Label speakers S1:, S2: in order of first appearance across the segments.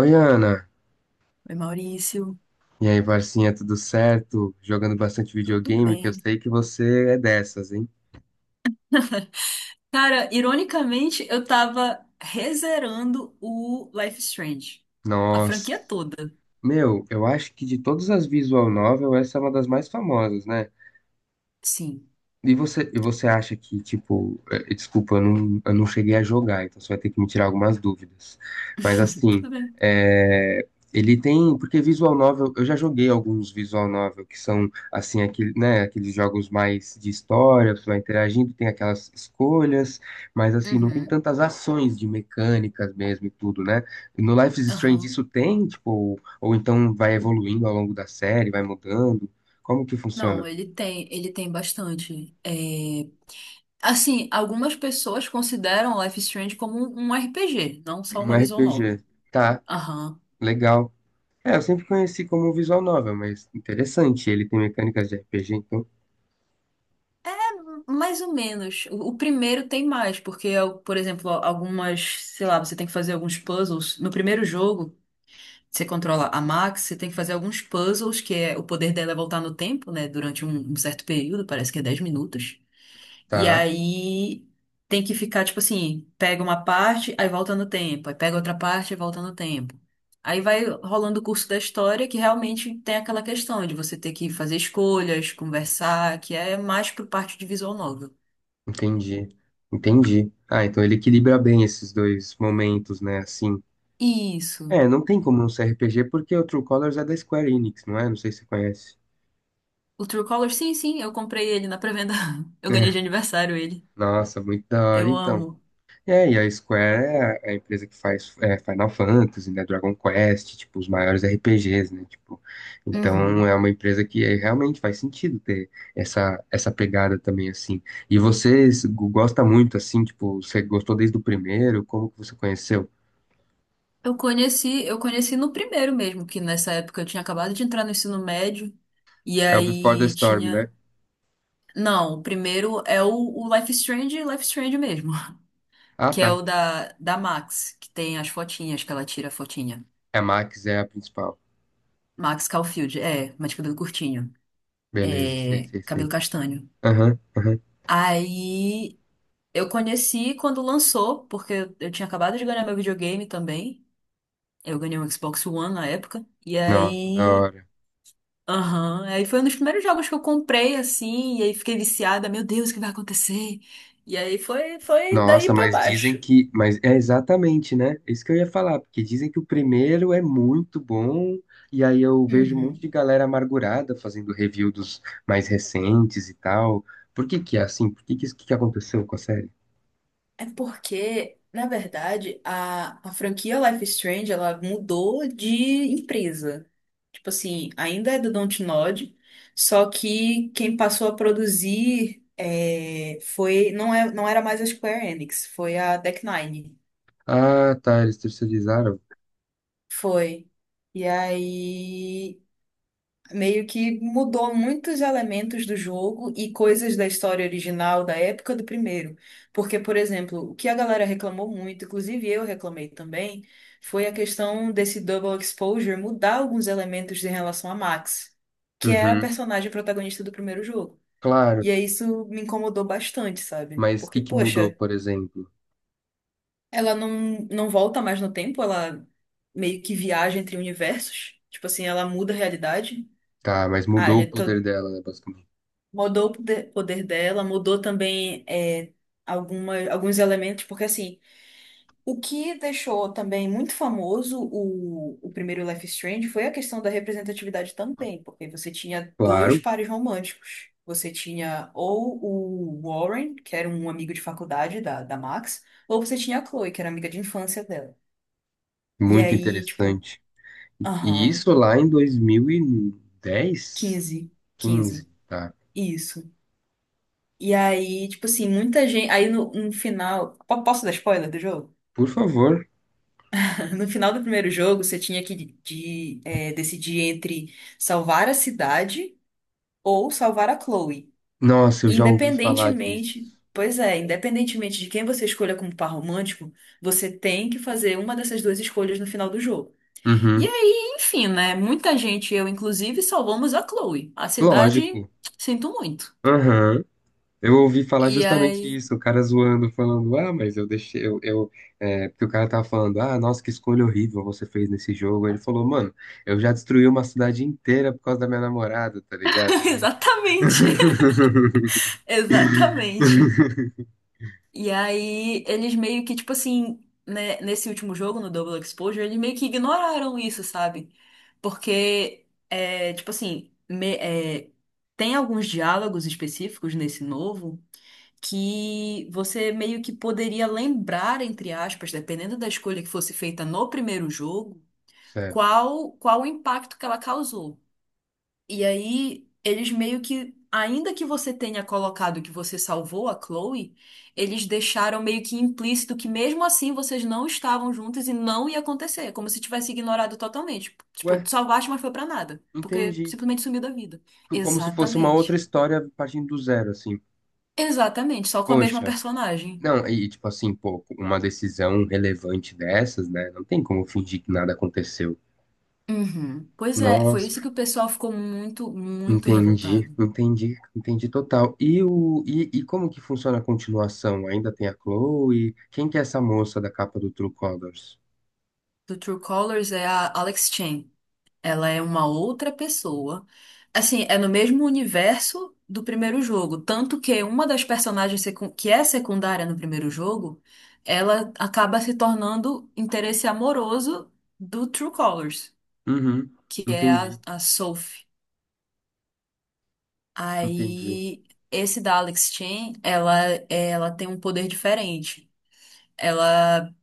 S1: Oi, Ana.
S2: Oi, Maurício,
S1: E aí, parcinha, tudo certo? Jogando bastante
S2: tudo
S1: videogame, que eu
S2: bem?
S1: sei que você é dessas, hein?
S2: Cara, ironicamente, eu tava rezerando o Life is Strange. A
S1: Nossa.
S2: franquia toda.
S1: Meu, eu acho que de todas as visual novel, essa é uma das mais famosas, né?
S2: Sim.
S1: E você acha que, tipo, desculpa, eu não cheguei a jogar, então você vai ter que me tirar algumas dúvidas. Mas assim,
S2: Tudo bem.
S1: eh, ele tem. Porque Visual Novel, eu já joguei alguns Visual Novel que são assim, aquele, né, aqueles jogos mais de história, você vai interagindo, tem aquelas escolhas, mas assim, não tem
S2: Uhum,
S1: tantas ações de mecânicas mesmo e tudo, né? No Life is Strange
S2: aham.
S1: isso tem, tipo, ou então vai evoluindo ao longo da série, vai mudando. Como que funciona?
S2: Não, ele tem bastante. Assim, algumas pessoas consideram Life is Strange como um RPG, não só
S1: Um
S2: uma visual
S1: RPG.
S2: novel.
S1: Tá.
S2: Aham.
S1: Legal. É, eu sempre conheci como visual novel, mas interessante. Ele tem mecânicas de RPG, então.
S2: Mais ou menos. O primeiro tem mais, porque, por exemplo, algumas, sei lá, você tem que fazer alguns puzzles. No primeiro jogo, você controla a Max, você tem que fazer alguns puzzles, que é o poder dela é voltar no tempo, né? Durante um certo período, parece que é 10 minutos. E
S1: Tá,
S2: aí tem que ficar, tipo assim, pega uma parte, aí volta no tempo, aí pega outra parte e volta no tempo. Aí vai rolando o curso da história que realmente tem aquela questão de você ter que fazer escolhas, conversar, que é mais pro parte de visual novel.
S1: entendi. Entendi. Ah, então ele equilibra bem esses dois momentos, né? Assim.
S2: Isso.
S1: É, não tem como não ser RPG porque o True Colors é da Square Enix, não é? Não sei se você conhece.
S2: O True Color, sim, sim, eu comprei ele na pré-venda. Eu ganhei
S1: É,
S2: de aniversário ele.
S1: nossa, muito da hora,
S2: Eu
S1: então.
S2: amo.
S1: É, e a Square é a empresa que faz é, Final Fantasy, né, Dragon Quest, tipo, os maiores RPGs, né, tipo, então é
S2: Uhum.
S1: uma empresa que realmente faz sentido ter essa pegada também, assim, e você gosta muito, assim, tipo, você gostou desde o primeiro, como que você conheceu?
S2: Eu conheci no primeiro mesmo, que nessa época eu tinha acabado de entrar no ensino médio, e
S1: É o Before the
S2: aí
S1: Storm, né?
S2: tinha. Não, o primeiro é o Life is Strange mesmo,
S1: Ah,
S2: que é
S1: tá,
S2: o da Max, que tem as fotinhas que ela tira a fotinha.
S1: é a Max é a principal,
S2: Max Caulfield, é, mas de cabelo curtinho,
S1: beleza, sei,
S2: é,
S1: sei,
S2: cabelo
S1: sei,
S2: castanho.
S1: aham, aham.
S2: Aí eu conheci quando lançou, porque eu tinha acabado de ganhar meu videogame também. Eu ganhei um Xbox One na época. E
S1: Nossa, da
S2: aí
S1: hora.
S2: aham, aí foi um dos primeiros jogos que eu comprei, assim, e aí fiquei viciada, meu Deus, o que vai acontecer? E aí foi, foi daí
S1: Nossa,
S2: pra
S1: mas dizem
S2: baixo.
S1: que. Mas é exatamente, né? Isso que eu ia falar, porque dizem que o primeiro é muito bom, e aí eu vejo um monte
S2: Uhum.
S1: de galera amargurada fazendo review dos mais recentes e tal. Por que que é assim? Por que que isso que aconteceu com a série?
S2: É porque, na verdade, a franquia Life is Strange, ela mudou de empresa. Tipo assim, ainda é do Dontnod, só que quem passou a produzir é, foi, não é, não era mais a Square Enix, foi a Deck Nine.
S1: Ah, tá, eles terceirizaram.
S2: Foi. E aí meio que mudou muitos elementos do jogo e coisas da história original da época do primeiro. Porque, por exemplo, o que a galera reclamou muito, inclusive eu reclamei também, foi a questão desse double exposure mudar alguns elementos em relação a Max, que era a
S1: Uhum,
S2: personagem protagonista do primeiro jogo.
S1: claro.
S2: E aí isso me incomodou bastante, sabe?
S1: Mas o que
S2: Porque,
S1: que mudou,
S2: poxa,
S1: por exemplo?
S2: ela não volta mais no tempo, ela meio que viaja entre universos. Tipo assim, ela muda a realidade.
S1: Tá, mas
S2: Ah,
S1: mudou o
S2: já tô,
S1: poder dela, né, basicamente.
S2: mudou o poder dela, mudou também alguma, alguns elementos, porque assim, o que deixou também muito famoso o primeiro Life is Strange foi a questão da representatividade também, porque você tinha dois
S1: Claro,
S2: pares românticos. Você tinha ou o Warren, que era um amigo de faculdade da Max, ou você tinha a Chloe, que era amiga de infância dela. E
S1: muito
S2: aí, tipo,
S1: interessante. E
S2: aham,
S1: isso lá em 2010,
S2: 15, 15
S1: 15, tá?
S2: isso. E aí, tipo assim, muita gente. Aí no final. Posso dar spoiler do jogo?
S1: Por favor.
S2: No final do primeiro jogo, você tinha que decidir entre salvar a cidade ou salvar a Chloe.
S1: Nossa, eu
S2: E
S1: já ouvi falar disso.
S2: independentemente. Pois é, independentemente de quem você escolha como par romântico, você tem que fazer uma dessas duas escolhas no final do jogo. E
S1: Uhum.
S2: aí, enfim, né? Muita gente, eu inclusive, salvamos a Chloe. A cidade,
S1: Lógico.
S2: sinto muito.
S1: Uhum. Eu ouvi falar
S2: E
S1: justamente
S2: aí.
S1: isso, o cara zoando, falando, ah, mas eu deixei, porque o cara tava falando, ah, nossa, que escolha horrível você fez nesse jogo. Aí ele falou, mano, eu já destruí uma cidade inteira por causa da minha namorada, tá ligado?
S2: Exatamente. Exatamente. E aí, eles meio que, tipo assim, né, nesse último jogo, no Double Exposure, eles meio que ignoraram isso, sabe? Porque, tipo assim, tem alguns diálogos específicos nesse novo que você meio que poderia lembrar, entre aspas, dependendo da escolha que fosse feita no primeiro jogo,
S1: Certo.
S2: qual, qual o impacto que ela causou. E aí, eles meio que, ainda que você tenha colocado que você salvou a Chloe, eles deixaram meio que implícito que mesmo assim vocês não estavam juntos e não ia acontecer, como se tivesse ignorado totalmente. Tipo,
S1: Ué,
S2: tu salvaste, mas foi pra nada, porque
S1: entendi.
S2: simplesmente sumiu da vida.
S1: Como se fosse uma outra
S2: Exatamente.
S1: história partindo do zero, assim.
S2: Exatamente, só com a mesma
S1: Poxa,
S2: personagem.
S1: não, e tipo assim, pô, uma decisão relevante dessas, né? Não tem como fingir que nada aconteceu.
S2: Uhum. Pois é, foi isso
S1: Nossa,
S2: que o pessoal ficou muito
S1: entendi,
S2: revoltado.
S1: entendi, entendi total. E como que funciona a continuação? Ainda tem a Chloe? Quem que é essa moça da capa do True Colors?
S2: Do True Colors é a Alex Chen. Ela é uma outra pessoa. Assim, é no mesmo universo do primeiro jogo. Tanto que uma das personagens que é secundária no primeiro jogo, ela acaba se tornando interesse amoroso do True Colors,
S1: Uhum,
S2: que é a,
S1: entendi,
S2: a Sophie.
S1: entendi.
S2: Aí, esse da Alex Chen, ela tem um poder diferente. Ela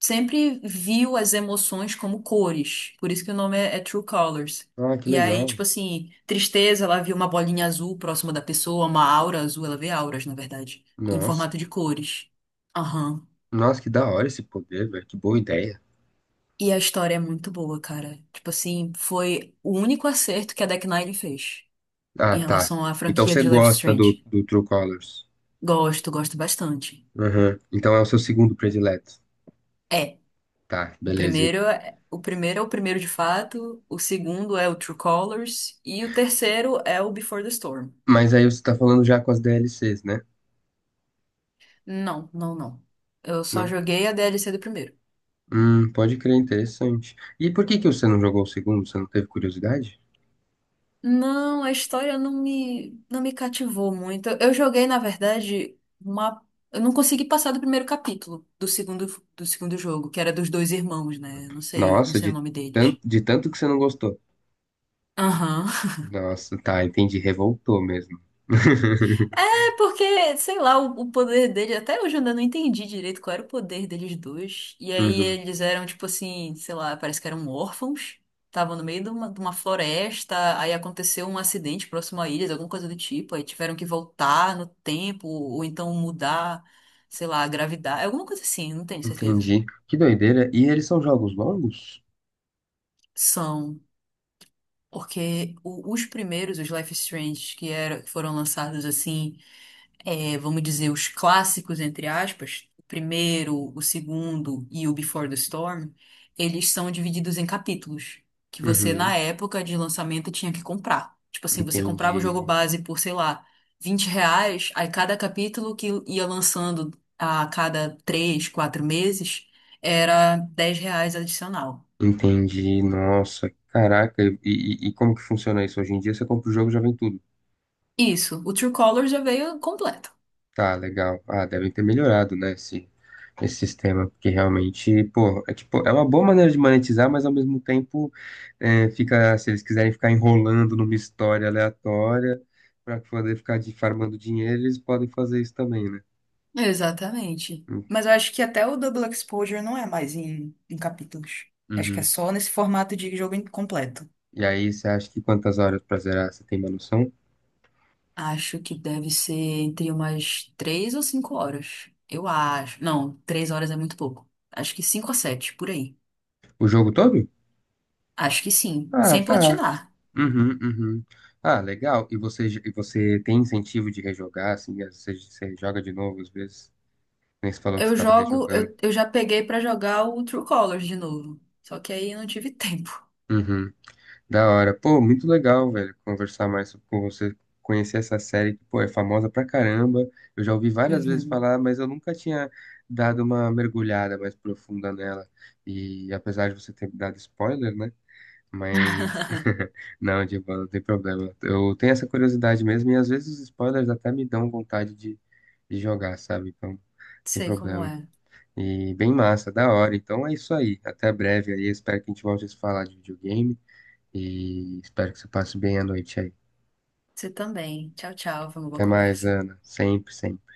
S2: sempre viu as emoções como cores, por isso que o nome é True Colors.
S1: Ah, que
S2: E aí,
S1: legal.
S2: tipo assim, tristeza, ela viu uma bolinha azul próxima da pessoa, uma aura azul, ela vê auras, na verdade, em
S1: Nossa,
S2: formato de cores. Aham.
S1: nossa, que da hora esse poder, velho. Que boa ideia.
S2: E a história é muito boa, cara. Tipo assim, foi o único acerto que a Deck Nine fez
S1: Ah,
S2: em
S1: tá.
S2: relação à
S1: Então
S2: franquia
S1: você
S2: de Life is
S1: gosta do,
S2: Strange.
S1: do True Colors.
S2: Gosto, gosto bastante.
S1: Uhum. Então é o seu segundo predileto.
S2: É.
S1: Tá,
S2: O
S1: beleza.
S2: primeiro é o primeiro de fato, o segundo é o True Colors e o terceiro é o Before the Storm.
S1: Mas aí você tá falando já com as DLCs, né?
S2: Não, não, não. Eu só
S1: Não?
S2: joguei a DLC do primeiro.
S1: Pode crer, interessante. E por que que você não jogou o segundo? Você não teve curiosidade?
S2: Não, a história não me não me cativou muito. Eu joguei, na verdade, uma eu não consegui passar do primeiro capítulo do segundo jogo, que era dos dois irmãos, né? Não
S1: Nossa,
S2: sei o nome deles.
S1: de tanto que você não gostou.
S2: Aham.
S1: Nossa, tá, entendi. Revoltou mesmo.
S2: Porque, sei lá, o poder dele, até hoje eu ainda não entendi direito qual era o poder deles dois. E aí
S1: Uhum,
S2: eles eram, tipo assim, sei lá, parece que eram órfãos, estavam no meio de uma floresta, aí aconteceu um acidente próximo a eles, alguma coisa do tipo, aí tiveram que voltar no tempo, ou então mudar, sei lá, a gravidade, alguma coisa assim, não tenho certeza.
S1: entendi. Que doideira. E eles são jogos longos?
S2: São, porque os primeiros, os Life is Strange, que que foram lançados assim. É, vamos dizer, os clássicos, entre aspas, o primeiro, o segundo e o Before the Storm, eles são divididos em capítulos, que você, na
S1: Uhum,
S2: época de lançamento, tinha que comprar. Tipo assim, você comprava o jogo
S1: entendi.
S2: base por, sei lá, R$ 20, aí cada capítulo que ia lançando a cada 3, 4 meses, era R$ 10 adicional.
S1: Entendi. Nossa, caraca. E como que funciona isso hoje em dia? Você compra o jogo e já vem tudo.
S2: Isso, o True Color já veio completo.
S1: Tá, legal. Ah, devem ter melhorado, né? Esse sistema, porque realmente, pô, é, tipo, é uma boa maneira de monetizar, mas ao mesmo tempo é, fica, se eles quiserem ficar enrolando numa história aleatória para poder ficar farmando dinheiro, eles podem fazer isso também, né?
S2: Exatamente. Mas eu acho que até o Double Exposure não é mais em, em capítulos. Acho que é
S1: Uhum.
S2: só nesse formato de jogo completo.
S1: E aí, você acha que quantas horas pra zerar? Você tem uma noção?
S2: Acho que deve ser entre umas 3 ou 5 horas. Eu acho. Não, 3 horas é muito pouco. Acho que 5 a 7, por aí.
S1: O jogo todo?
S2: Acho que sim,
S1: Ah,
S2: sem
S1: tá.
S2: platinar.
S1: Uhum, uhum. Ah, legal. E você tem incentivo de rejogar, assim, às vezes você joga de novo às vezes? Nem você falou que você
S2: Eu
S1: estava
S2: jogo,
S1: rejogando.
S2: eu já peguei pra jogar o True Colors de novo. Só que aí eu não tive tempo.
S1: Uhum. Da hora. Pô, muito legal, velho, conversar mais com você, conhecer essa série que, pô, é famosa pra caramba. Eu já ouvi várias vezes
S2: Uhum.
S1: falar, mas eu nunca tinha dado uma mergulhada mais profunda nela. E apesar de você ter me dado spoiler, né? Mas não, Divan, não tem problema. Eu tenho essa curiosidade mesmo e às vezes os spoilers até me dão vontade de jogar, sabe? Então, não tem
S2: Sei como
S1: problema.
S2: é.
S1: E bem massa, da hora. Então é isso aí. Até breve aí. Espero que a gente volte a se falar de videogame. E espero que você passe bem a noite aí.
S2: Você também. Tchau, tchau. Foi uma boa
S1: Até mais,
S2: conversa.
S1: Ana. Sempre, sempre.